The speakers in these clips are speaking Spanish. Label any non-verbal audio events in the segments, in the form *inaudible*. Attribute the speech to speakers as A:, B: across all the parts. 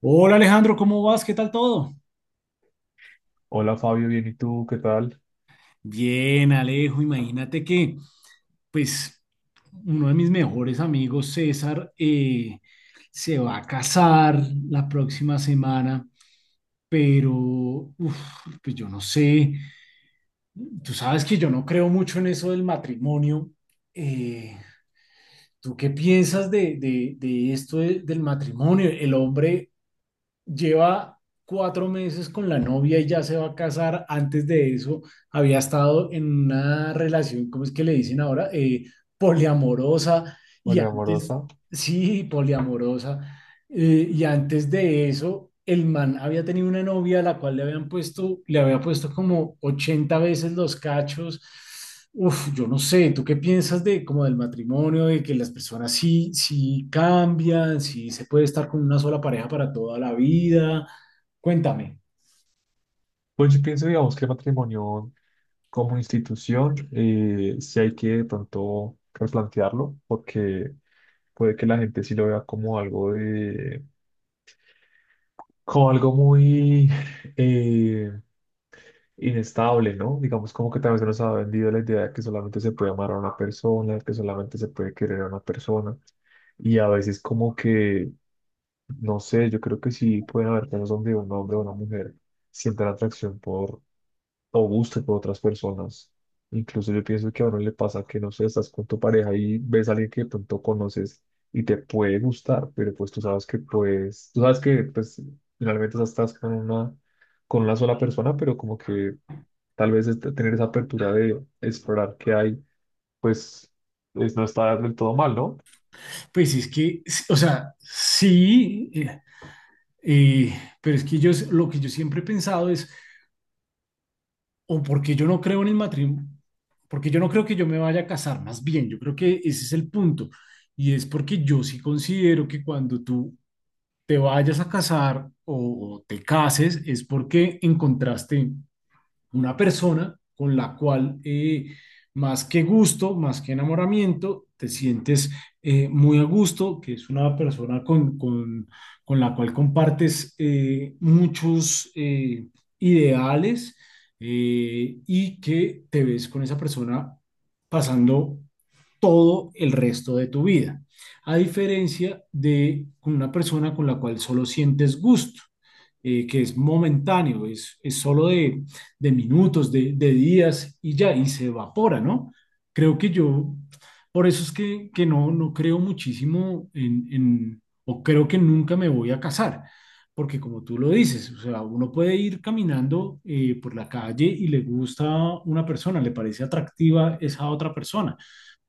A: Hola Alejandro, ¿cómo vas? ¿Qué tal todo?
B: Hola Fabio, bien, ¿y tú? ¿Qué tal?
A: Bien, Alejo, imagínate pues, uno de mis mejores amigos, César, se va a casar la próxima semana, pero, uf, pues yo no sé, tú sabes que yo no creo mucho en eso del matrimonio. Eh, ¿tú qué piensas de esto del matrimonio? El hombre lleva 4 meses con la novia y ya se va a casar. Antes de eso, había estado en una relación. ¿Cómo es que le dicen ahora? Poliamorosa. Y
B: Hola
A: antes,
B: amorosa.
A: sí, poliamorosa. Y antes de eso, el man había tenido una novia a la cual le había puesto como 80 veces los cachos. Uf, yo no sé, ¿tú qué piensas de como del matrimonio, de que las personas sí, sí cambian, sí se puede estar con una sola pareja para toda la vida? Cuéntame.
B: Pues yo pienso, digamos, que el matrimonio como institución sí hay que de pronto replantearlo, porque puede que la gente sí lo vea como algo de, como algo muy *laughs* eh, inestable, ¿no? Digamos como que tal vez no se nos ha vendido la idea de que solamente se puede amar a una persona, que solamente se puede querer a una persona, y a veces como que, no sé, yo creo que sí pueden haber casos donde un hombre o una mujer sientan atracción por o guste por otras personas. Incluso yo pienso que a uno le pasa que, no sé, estás con tu pareja y ves a alguien que de pronto conoces y te puede gustar, pero pues tú sabes que pues, tú sabes que pues finalmente o sea, estás con una sola persona, pero como que tal vez tener esa apertura de explorar qué hay, pues no está del todo mal, ¿no?
A: Pues es que, o sea, sí, eh, pero es que lo que yo siempre he pensado es o porque yo no creo en el matrimonio, porque yo no creo que yo me vaya a casar. Más bien, yo creo que ese es el punto. Y es porque yo sí considero que cuando tú te vayas a casar o te cases es porque encontraste una persona con la cual más que gusto, más que enamoramiento, te sientes muy a gusto, que es una persona con la cual compartes muchos ideales, y que te ves con esa persona pasando todo el resto de tu vida, a diferencia de una persona con la cual solo sientes gusto, que es momentáneo. Es solo de minutos, de días, y ya, y se evapora, ¿no? Creo que yo, por eso es que no creo muchísimo o creo que nunca me voy a casar, porque como tú lo dices, o sea, uno puede ir caminando por la calle y le gusta una persona, le parece atractiva esa otra persona,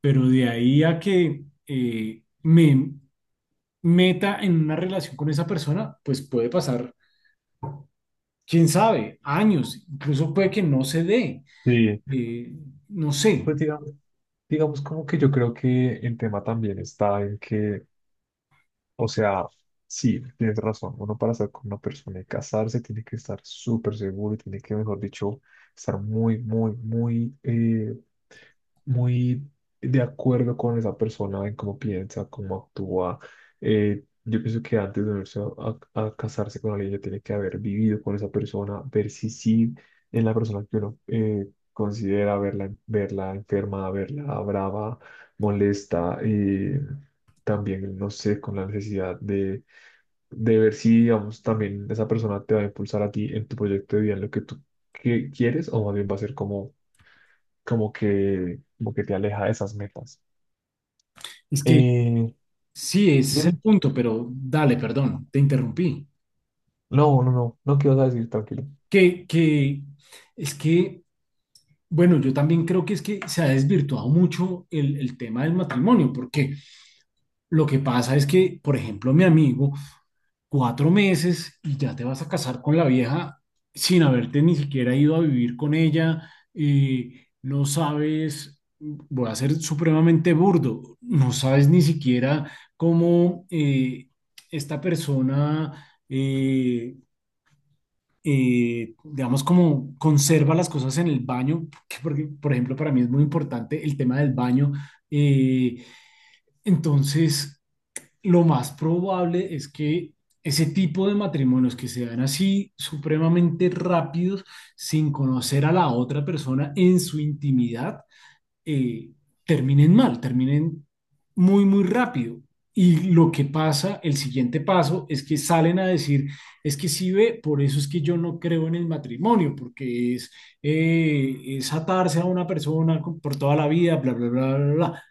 A: pero de ahí a que me meta en una relación con esa persona, pues puede pasar, quién sabe, años, incluso puede que no se dé.
B: Sí,
A: Eh, no sé,
B: pues digamos, digamos como que yo creo que el tema también está en que o sea, sí, tienes razón. Uno para estar con una persona y casarse tiene que estar súper seguro y tiene que, mejor dicho, estar muy, muy, muy, muy de acuerdo con esa persona en cómo piensa, cómo actúa. Yo pienso que antes de unirse a, a casarse con alguien ya tiene que haber vivido con esa persona, ver si sí es la persona que uno considera verla, verla enferma, verla brava, molesta. También, no sé, con la necesidad de ver si, digamos, también esa persona te va a impulsar a ti en tu proyecto de vida, en lo que tú quieres, o más bien va a ser como como que te aleja de esas metas.
A: es que
B: Eh,
A: sí, ese es
B: dime.
A: el punto, pero dale, perdón, te interrumpí.
B: No, no, no, no quiero decir, tranquilo.
A: Que es que, bueno, yo también creo que es que se ha desvirtuado mucho el tema del matrimonio, porque lo que pasa es que, por ejemplo, mi amigo, 4 meses y ya te vas a casar con la vieja sin haberte ni siquiera ido a vivir con ella. No sabes, voy a ser supremamente burdo, no sabes ni siquiera cómo esta persona, digamos, como conserva las cosas en el baño, que porque, por ejemplo, para mí es muy importante el tema del baño. eh, entonces... lo más probable es que ese tipo de matrimonios que se dan así supremamente rápidos, sin conocer a la otra persona en su intimidad, eh, terminen mal, terminen muy, muy rápido. Y lo que pasa, el siguiente paso, es que salen a decir, es que sí ve, por eso es que yo no creo en el matrimonio, porque es atarse a una persona por toda la vida, bla, bla, bla, bla, bla.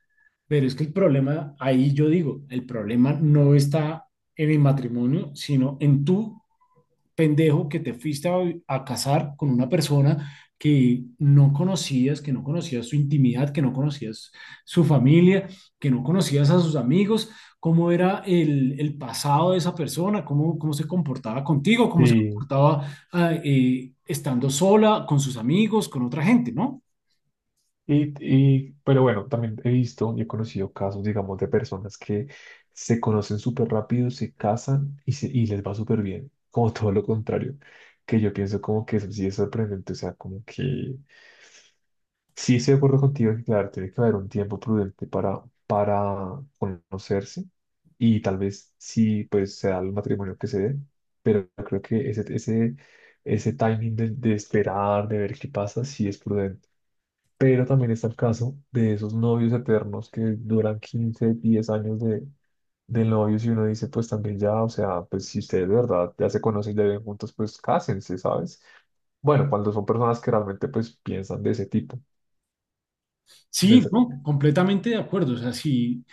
A: Pero es que el problema, ahí yo digo, el problema no está en el matrimonio, sino en tú, pendejo, que te fuiste a casar con una persona que no conocías su intimidad, que no conocías su familia, que no conocías a sus amigos, cómo era el pasado de esa persona, cómo, cómo se comportaba contigo, cómo se
B: Sí,
A: comportaba estando sola, con sus amigos, con otra gente, ¿no?
B: pero bueno, también he visto y he conocido casos, digamos, de personas que se conocen súper rápido, se casan y, y les va súper bien, como *laughs* todo lo contrario, que yo pienso como que eso sí es sorprendente, o sea, como que sí, estoy de acuerdo contigo que, claro, tiene que haber un tiempo prudente para conocerse y tal vez sí, pues se da el matrimonio que se dé, pero creo que ese timing de esperar, de ver qué pasa, sí es prudente. Pero también está el caso de esos novios eternos que duran 15 10 años de novios y uno dice, pues también ya, o sea, pues si ustedes de verdad ya se conocen, ya viven juntos, pues cásense, ¿sabes? Bueno, cuando son personas que realmente pues piensan de ese tipo, de
A: Sí,
B: esa.
A: no, completamente de acuerdo. O sea, si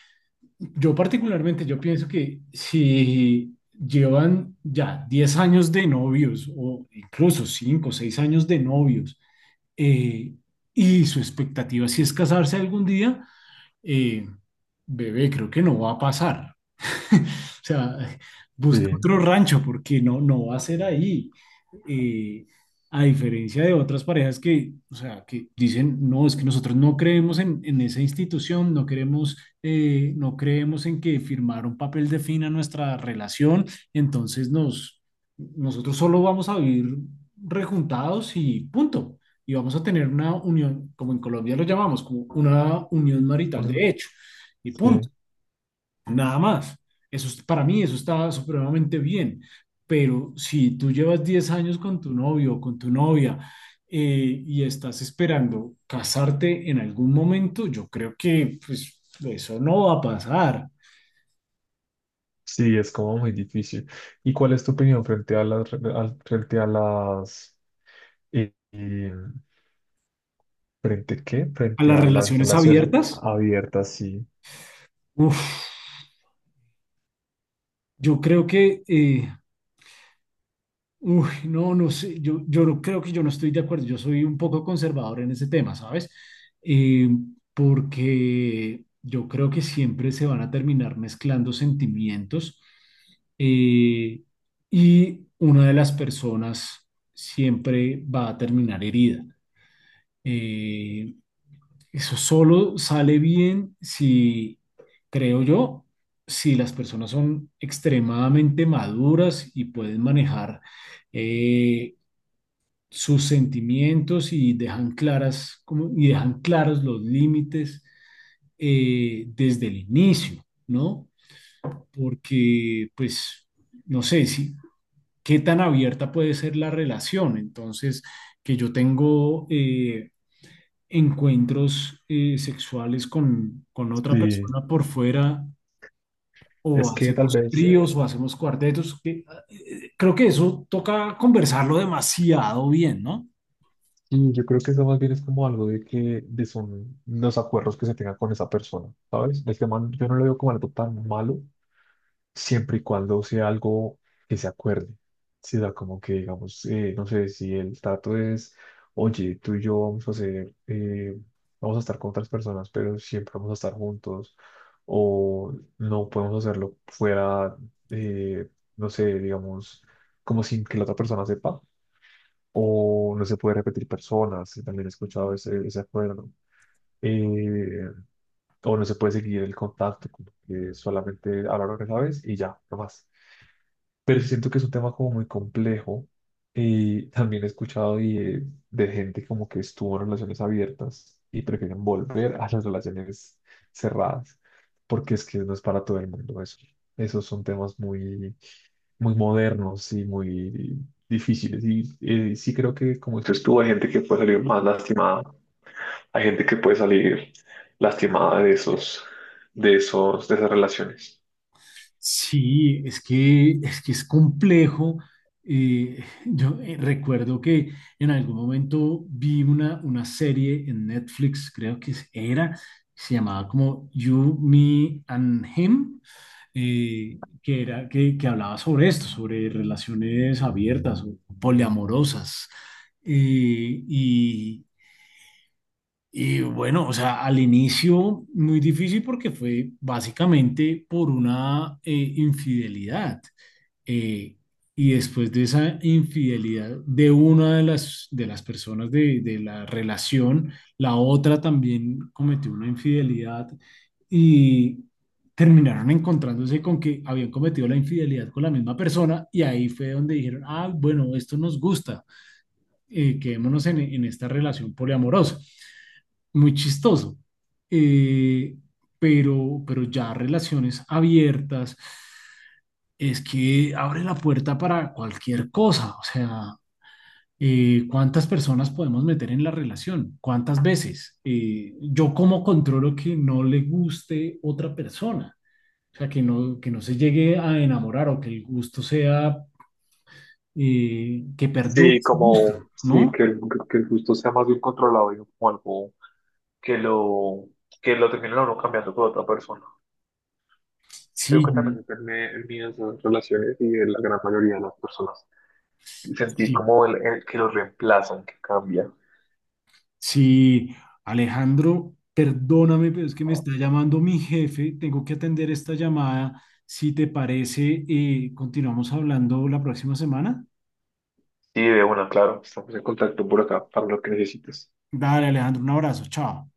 A: yo particularmente, yo pienso que si llevan ya 10 años de novios o incluso 5 o 6 años de novios, eh, y su expectativa si es casarse algún día, eh, bebé, creo que no va a pasar. *laughs* O sea, busca
B: Sí,
A: otro rancho porque no, no va a ser ahí, eh, a diferencia de otras parejas que, o sea, que dicen, no, es que nosotros no creemos en esa institución, no queremos, no creemos en que firmar un papel defina nuestra relación, entonces nos, nosotros solo vamos a vivir rejuntados y punto. Y vamos a tener una unión, como en Colombia lo llamamos, como una unión marital
B: bueno,
A: de hecho, y punto.
B: sí,
A: Nada más. Eso es- para mí eso está supremamente bien. Pero si tú llevas 10 años con tu novio o con tu novia, y estás esperando casarte en algún momento, yo creo que pues, eso no va a pasar.
B: sí, es como muy difícil. ¿Y cuál es tu opinión frente a las, frente a las, eh, eh, frente qué?
A: A
B: Frente
A: las
B: a las
A: relaciones
B: relaciones
A: abiertas,
B: abiertas, sí.
A: uf, yo creo que uy, no, no sé, yo no- creo que yo no estoy de acuerdo, yo soy un poco conservador en ese tema, ¿sabes? Eh, Porque yo creo que siempre se van a terminar mezclando sentimientos, eh, y una de las personas siempre va a terminar herida. Eh, Eso solo sale bien si, creo yo, si las personas son extremadamente maduras y pueden manejar eh, sus sentimientos y dejan claras como- y dejan claros los límites desde el inicio, ¿no? Porque, pues, no sé si qué tan abierta puede ser la relación. Entonces, que yo tengo encuentros sexuales con otra
B: Sí,
A: persona por fuera. O
B: es que tal
A: hacemos
B: vez,
A: tríos o hacemos cuartetos. Que- Creo que eso toca conversarlo demasiado bien, ¿no?
B: sí, yo creo que eso más bien es como algo de que, de son los acuerdos que se tengan con esa persona, ¿sabes? Del que man, yo no lo veo como algo tan malo, siempre y cuando sea algo que se acuerde. Sí, o sea, como que digamos, no sé, si el trato es, oye, tú y yo vamos a hacer, vamos a estar con otras personas, pero siempre vamos a estar juntos, o no podemos hacerlo fuera, eh, no sé, digamos, como sin que la otra persona sepa, o no se puede repetir personas, si también he escuchado ese acuerdo. eh, o no se puede seguir el contacto, como que solamente hablar una vez y ya, no más, pero siento que es un tema como muy complejo y también he escuchado y, de gente como que estuvo en relaciones abiertas y prefieren volver a las relaciones cerradas, porque es que no es para todo el mundo eso. Esos son temas muy, muy modernos y muy difíciles y sí creo que como dices tú, hay gente que puede salir más lastimada, hay gente que puede salir lastimada de de esas relaciones.
A: Sí, es que es que es complejo. Yo recuerdo que en algún momento vi una serie en Netflix, creo que era, se llamaba como You, Me and Him, que era que hablaba sobre esto, sobre relaciones abiertas o poliamorosas. Y, y bueno, o sea, al inicio muy difícil porque fue básicamente por una infidelidad. Eh, y después de esa infidelidad de una de de las personas de la relación, la otra también cometió una infidelidad y terminaron encontrándose con que habían cometido la infidelidad con la misma persona, y ahí fue donde dijeron, ah, bueno, esto nos gusta, quedémonos en esta relación poliamorosa. Muy chistoso. Eh, pero ya relaciones abiertas, es que abre la puerta para cualquier cosa. O sea, ¿cuántas personas podemos meter en la relación? ¿Cuántas veces? ¿Eh, yo cómo controlo que no le guste otra persona? O sea, que no se llegue a enamorar o que el gusto sea, que perdure
B: Sí,
A: su gusto,
B: como, sí,
A: ¿no?
B: que el gusto sea más bien controlado y no como algo que lo, que lo termine uno cambiando por otra persona. Creo
A: Sí,
B: que también depende el miedo de esas relaciones y de la gran mayoría de las personas. Sentir
A: sí,
B: como el que lo reemplazan, que cambia.
A: sí, Alejandro, perdóname, pero es que me está llamando mi jefe. Tengo que atender esta llamada. Si te parece, continuamos hablando la próxima semana.
B: Sí, de una, claro, estamos en contacto por acá para lo que necesites.
A: Dale, Alejandro, un abrazo. Chao.